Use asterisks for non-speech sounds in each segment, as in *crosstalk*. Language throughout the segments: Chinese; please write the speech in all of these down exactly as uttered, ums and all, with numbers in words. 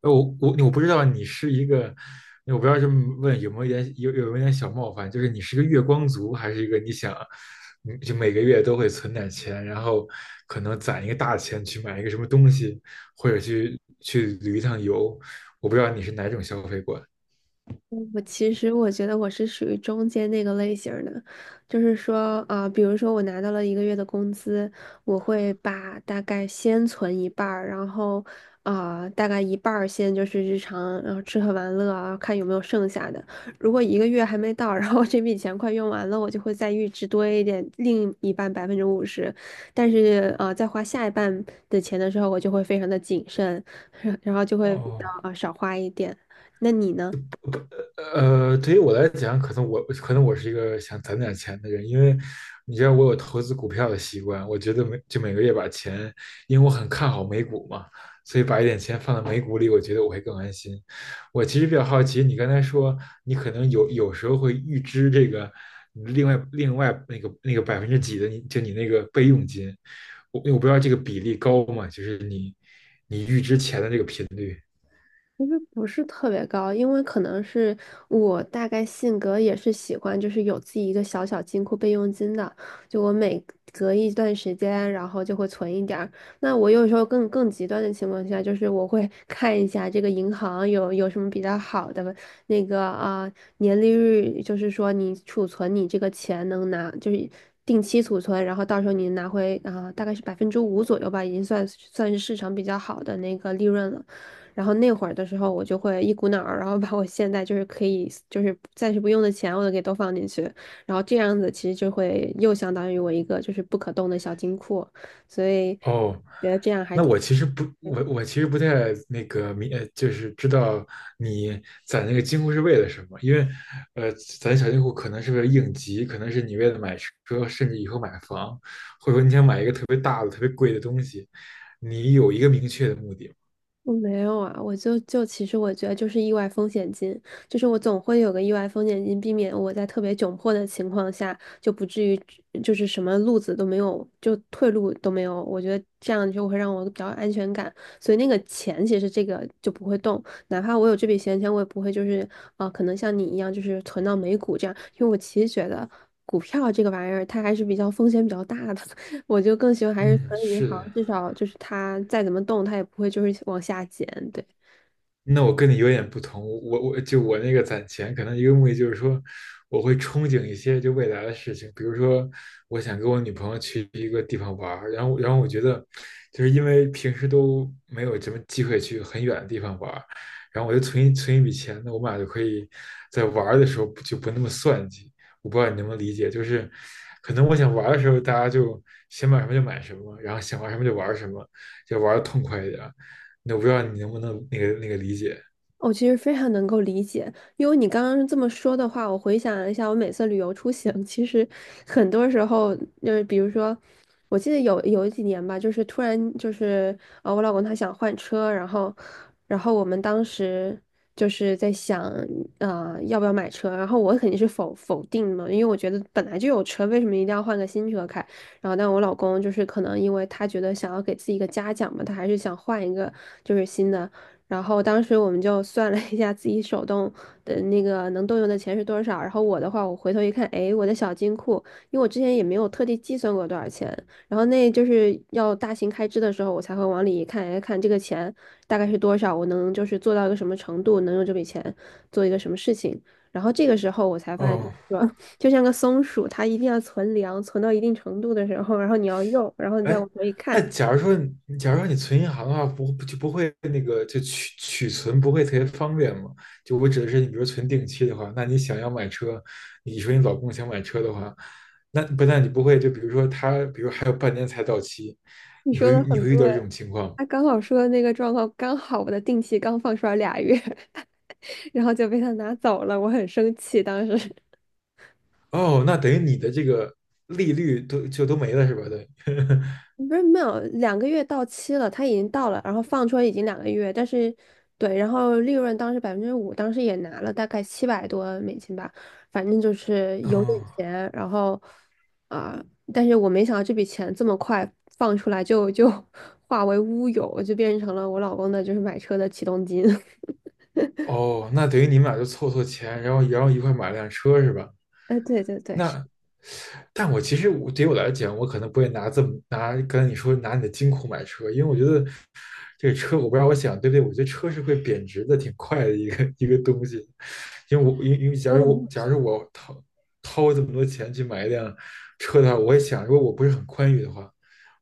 呃我我我不知道你是一个，我不知道这么问有没有一点有有没有一点小冒犯，就是你是个月光族，还是一个你想，嗯就每个月都会存点钱，然后可能攒一个大钱去买一个什么东西，或者去去旅一趟游，我不知道你是哪种消费观。我其实我觉得我是属于中间那个类型儿的，就是说，啊、比如说我拿到了一个月的工资，我会把大概先存一半儿，然后，啊、大概一半儿先就是日常，然后吃喝玩乐啊，看有没有剩下的。如果一个月还没到，*laughs* 然后这笔钱快用完了，我就会再预支多一点，另一半百分之五十。但是，呃，在花下一半的钱的时候，我就会非常的谨慎，*laughs* 然后就会比较哦，啊少花一点。那你呢？呃，对于我来讲，可能我可能我是一个想攒点钱的人，因为你知道我有投资股票的习惯，我觉得每就每个月把钱，因为我很看好美股嘛，所以把一点钱放在美股里，我觉得我会更安心。我其实比较好奇，你刚才说你可能有有时候会预支这个另外另外那个那个百分之几的你就你那个备用金，我我不知道这个比例高吗？就是你。不是特别高，因为可能是我大概性格也是喜欢，就是有自己一个小小金库备用金的，就我每隔一段时间，然后就会存一点儿。那我有时候更更极端的情况下，就是我会 *laughs* 看一下这个银行有有什么比较好的那个啊、年利率，就是说你储存你这个钱能拿就是。定期储存，然后到时候你拿回啊、大概是百分之五左右吧，已经算算是市场比较好的那个利润了。然后那会儿的时候，我就会一股脑儿，然后把我现在就是可以就是暂时不用的钱，我都给都放进去，然后这样子其实就会又相当于我一个就是不可动的小金库，所以哦，觉得这样还那挺我好。其实不，我我其实不太那个明，呃就是知道你攒那个金库是为了什么，因为，呃，攒小金库可能是为了应急，可能是你为了买车，甚至以后买房，或者说你想买一个特别大的、特别贵的东西，你有一个明确的目的。我没有啊，我就就其实我觉得就是意外风险金，就是我总会有个意外风险金，避免我在特别窘迫的情况下就不至于就是什么路子都没有，就退路都没有。我觉得这样就会让我比较有安全感，所以那个钱其实这个就不会动，哪怕我有这笔闲钱，我也不会就是啊，可能像你一样就是存到美股这样，因为我其实觉得股票这个玩意儿它还是比较风险比较大的，我就更喜欢还是存嗯，银是行，的。至少就是它再怎么动，它也不会就是往下减。对。那我跟你有点不同，我我就我那个攒钱，可能一个目的就是说，我会憧憬一些就未来的事情，比如说我想跟我女朋友去一个地方玩儿，然后然后我觉得，就是因为平时都没有什么机会去很远的地方玩儿，然后我就存一存一笔钱，那我们俩就可以在玩儿的时候不就不那么算计。我不知道你能不能理解，就是可能我想玩儿的时候，大家就想买什么就买什么，然后想玩什么就玩什么，就玩的痛快一点。那我不知道你能不能那个那个理解。我其实非常能够理解，因为你刚刚这么说的话，我回想了一下，我每次旅游出行，*laughs* 其实很多时候就是比如说，我记得有有几年吧，就是突然就是呃，我老公他想换车，然后然后我们当时就是在想呃要不要买车，然后我肯定是否否定嘛，因为我觉得本来就有车，为什么一定要换个新车开？然后，但我老公就是可能因为他觉得想要给自己一个嘉奖嘛，他还是想换一个就是新的。然后当时我们就算了一下自己手动的那个能动用的钱是多少。然后我的话，我回头一看，哎，我的小金库，因为我之前也没有特地计算过多少钱。然后那就是要大型开支的时候，我才会往里一看，哎，看这个钱大概是多少，我能就是做到一个什么程度，能用这笔钱做一个什么事情。然后这个时候我才发现，就是哦，说 *laughs* 就像个松鼠，它一定要存粮，存到一定程度的时候，然后你要用，然后你再哎，往回那看。假如说你，假如说你存银行的话，不不就不会那个就取取存不会特别方便吗？就我指的是，你比如存定期的话，那你想要买车，你说你老公想买车的话，那不但你不会，就比如说他，比如还有半年才到期，你你说会的你很会遇到这对。种情况吗？他刚好说的那个状况，刚好我的定期刚放出来俩月，*laughs* 然后就被他拿走了，我很生气。当时 哦，那等于你的这个利率都就都没了是吧？对，*laughs* *laughs* 不是没有两个月到期了，他已经到了，然后放出来已经两个月，但是对，然后利润当时百分之五，当时也拿了大概七百多美金吧，反正就是有哦点钱，然后啊、但是我没想到这笔钱这么快放出来就就 *laughs* 化为乌有，就变成了我老公的就是买车的启动金。*laughs* 哦，那等于你们俩就凑凑钱，然后然后一块买辆车是吧？哎，对对对，是那，但我其实我对于我来讲，我可能不会拿这么拿刚才你说拿你的金库买车，因为我觉得这个车，我不知道我想对不对，我觉得车是会贬值的，挺快的一个一个东西。因为我因为因为假说的如没有我假错。如我掏掏这么多钱去买一辆车的话，我也想，如果我不是很宽裕的话，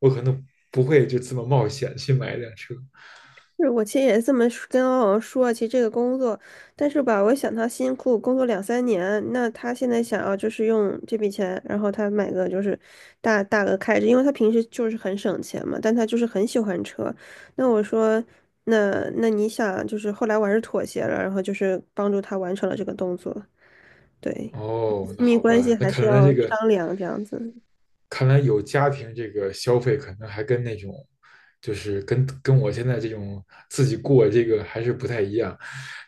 我可能不会就这么冒险去买一辆车。是我其实也这么说跟欧阳说啊，其实这个工作，但是吧，我想他辛苦工作两三年，那他现在想要就是用这笔钱，然后他买个就是大大额开支，因为他平时就是很省钱嘛，但他就是很喜欢车。那我说，那那你想，就是后来我还是妥协了，然后就是帮助他完成了这个动作。对，哦，那亲密好关系吧，那还是看要来这个商量这样子。看来有家庭这个消费，可能还跟那种，就是跟跟我现在这种自己过这个还是不太一样。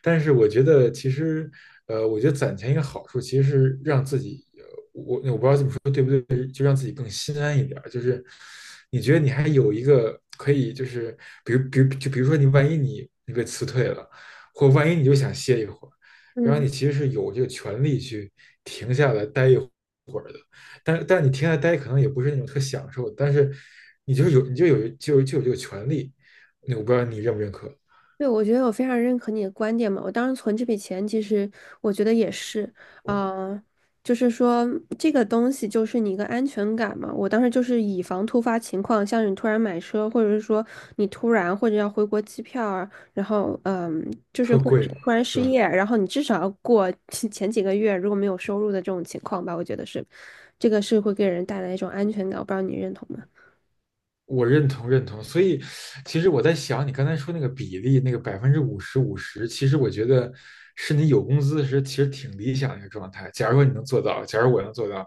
但是我觉得其实，呃，我觉得攒钱一个好处，其实是让自己那我不知道这么说对不对，就让自己更心安一点儿。就是你觉得你还有一个可以，就是比如，比如，就比如说你万一你你被辞退了，或万一你就想歇一会儿，然后嗯。你其实是有这个权利去停下来待一会儿的。但但你停下来待可能也不是那种特享受的，但是你就是有你就有就有就有这个权利。那我不知道你认不认可，对，我觉得我非常认可你的观点嘛。我当时存这笔钱，其实我觉得也是，啊、就是说这个东西就是你一个安全感嘛。我当时就是以防突发情况，像你突然买车，或者是说你突然或者要回国机票啊，然后嗯，就是特或者是贵突然是失吧？业，然后你至少要过 *laughs* 前几个月如果没有收入的这种情况吧，我觉得是，这个是会给人带来一种安全感。我不知道你认同吗？我认同认同，所以其实我在想，你刚才说那个比例，那个百分之五十五十，其实我觉得是你有工资时其实挺理想的一个状态。假如说你能做到，假如我能做到，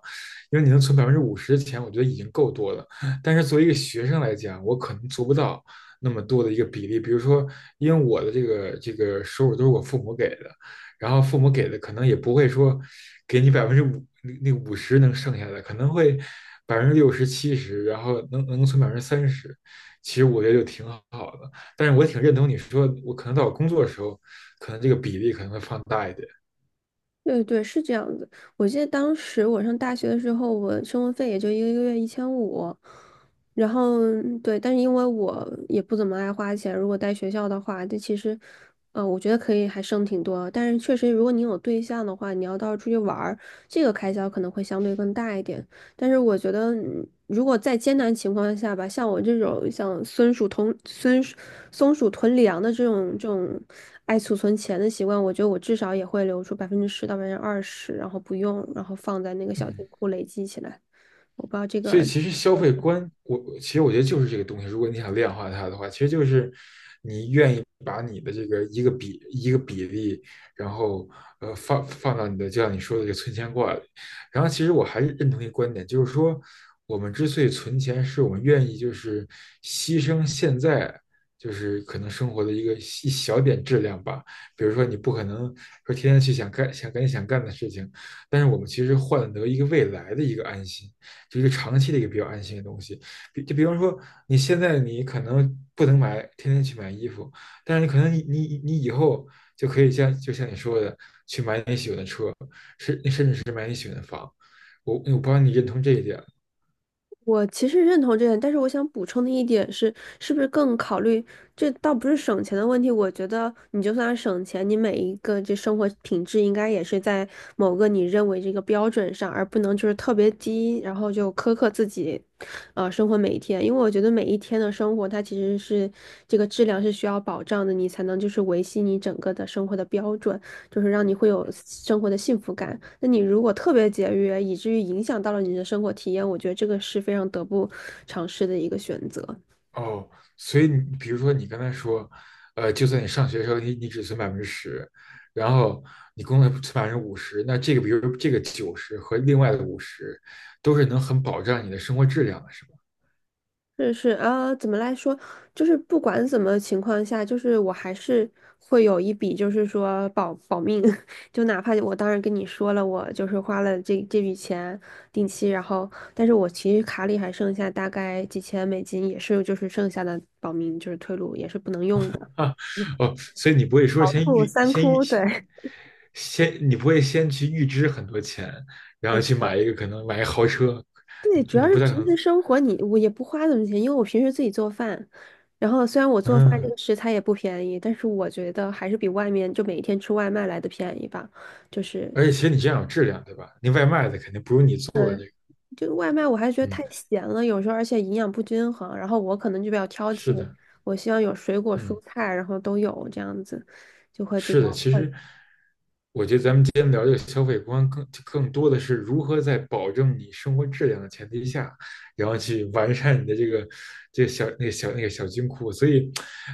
因为你能存百分之五十的钱，我觉得已经够多了。但是作为一个学生来讲，我可能做不到那么多的一个比例。比如说，因为我的这个这个收入都是我父母给的，然后父母给的可能也不会说给你百分之五那五十能剩下的，可能会百分之六十七十，然后能能存百分之三十，其实我觉得就挺好的。但是我挺认同你说，我可能到我工作的时候，可能这个比例可能会放大一点。对对，是这样子。我记得当时我上大学的时候，我生活费也就一个月一千五，然后对，但是因为我也不怎么爱花钱，如果在学校的话，这其实，呃，我觉得可以还剩挺多。但是确实，如果你有对象的话，你要到时候出去玩儿，这个开销可能会相对更大一点。但是我觉得，嗯如果在艰难情况下吧，像我这种像孙鼠同孙松鼠囤粮的这种这种爱储存钱的习惯，我觉得我至少也会留出百分之十到百分之二十，然后不用，然后放在那个小金嗯，库累积起来。我不知道这所以个。其实消费观，我其实我觉得就是这个东西，如果你想量化它的话，其实就是把你的这个一个比一个比例，然后呃放放到你的，就像你说的这个存钱罐里。然后其实我还是认同一个观点，就是说我们之所以存钱，是我们愿意就是牺牲现在就是可能生活的一个一小点质量吧。比如说你不可能说天天去想干想干你想干的事情，但是我们其实换得一个未来的一个安心，就一个长期的一个比较安心的东西。比就比方说你现在你可能不能买天天去买衣服。但是可能你你你以后就可以像就像你说的，去买你喜欢的车。我我不知道你认同这一点。我其实认同这点，但是我想补充的一点是，是不是更考虑这倒不是省钱的问题？我觉得你就算省钱，你每一个这生活品质应该也是在某个你认为这个标准上，而不能就是特别低，然后就苛刻自己，呃，生活每一天。因为我觉得每一天的生活，它其实是这个质量是需要保障的，你才能就是维系你整个的生活的标准。就是让你会有生活的幸福感。那你如果特别节约，以至于影响到了你的生活体验，我觉得这个是非常得不偿失的一个选择。哦。所以你比如说你刚才说，呃，就算你上学的时候你你只存百分之十，然后你工作存百分之五十，那这个比如这个九十和另外的五十，都是能很保障你的生活质量的，是吧？*laughs* 就是啊，怎么来说，就是不管怎么情况下，就是我还是会有一笔，就是说保保命，*laughs* 就哪怕我当然跟你说了，我就是花了这这笔钱定期，然后但是我其实卡里还剩下大概几千美金，也是就是剩下的保命就是退路，也是不能用的。啊，一哦，所以你不会说先哭预三先预哭，对。先你不会先去预支很多钱，然后 *laughs* 去买一个可能买一个豪车，对，主你你要是不太可平能。时生活你我也不花怎么钱，因为我平时自己做饭，然后虽然我做饭这嗯，个食材也不便宜，但是我觉得还是比外面就每天吃外卖来的便宜吧。就是，而且其实你这样有质量，对吧？那外卖的肯定不如你做。嗯，就外卖我还觉得嗯，太咸了，有时候而且营养不均衡，然后我可能就比较挑是剔，的，我希望有水果嗯，蔬菜，然后都有这样子，就会比较。是的。其实今天聊这个消费观更，更更多的是如何在保证你生活质量的前提下，然后去完善你的这个这个小那个小那个小金库。所以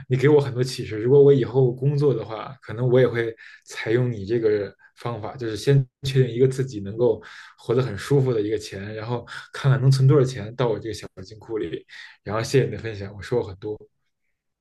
你给我很多启示。如果我以后工作的话，可能我也会采用你这个方法，就是先确定一个自己能够活得很舒服的一个钱，然后看看能存多少钱到我这个小。然后谢谢你的分享，我收获很多。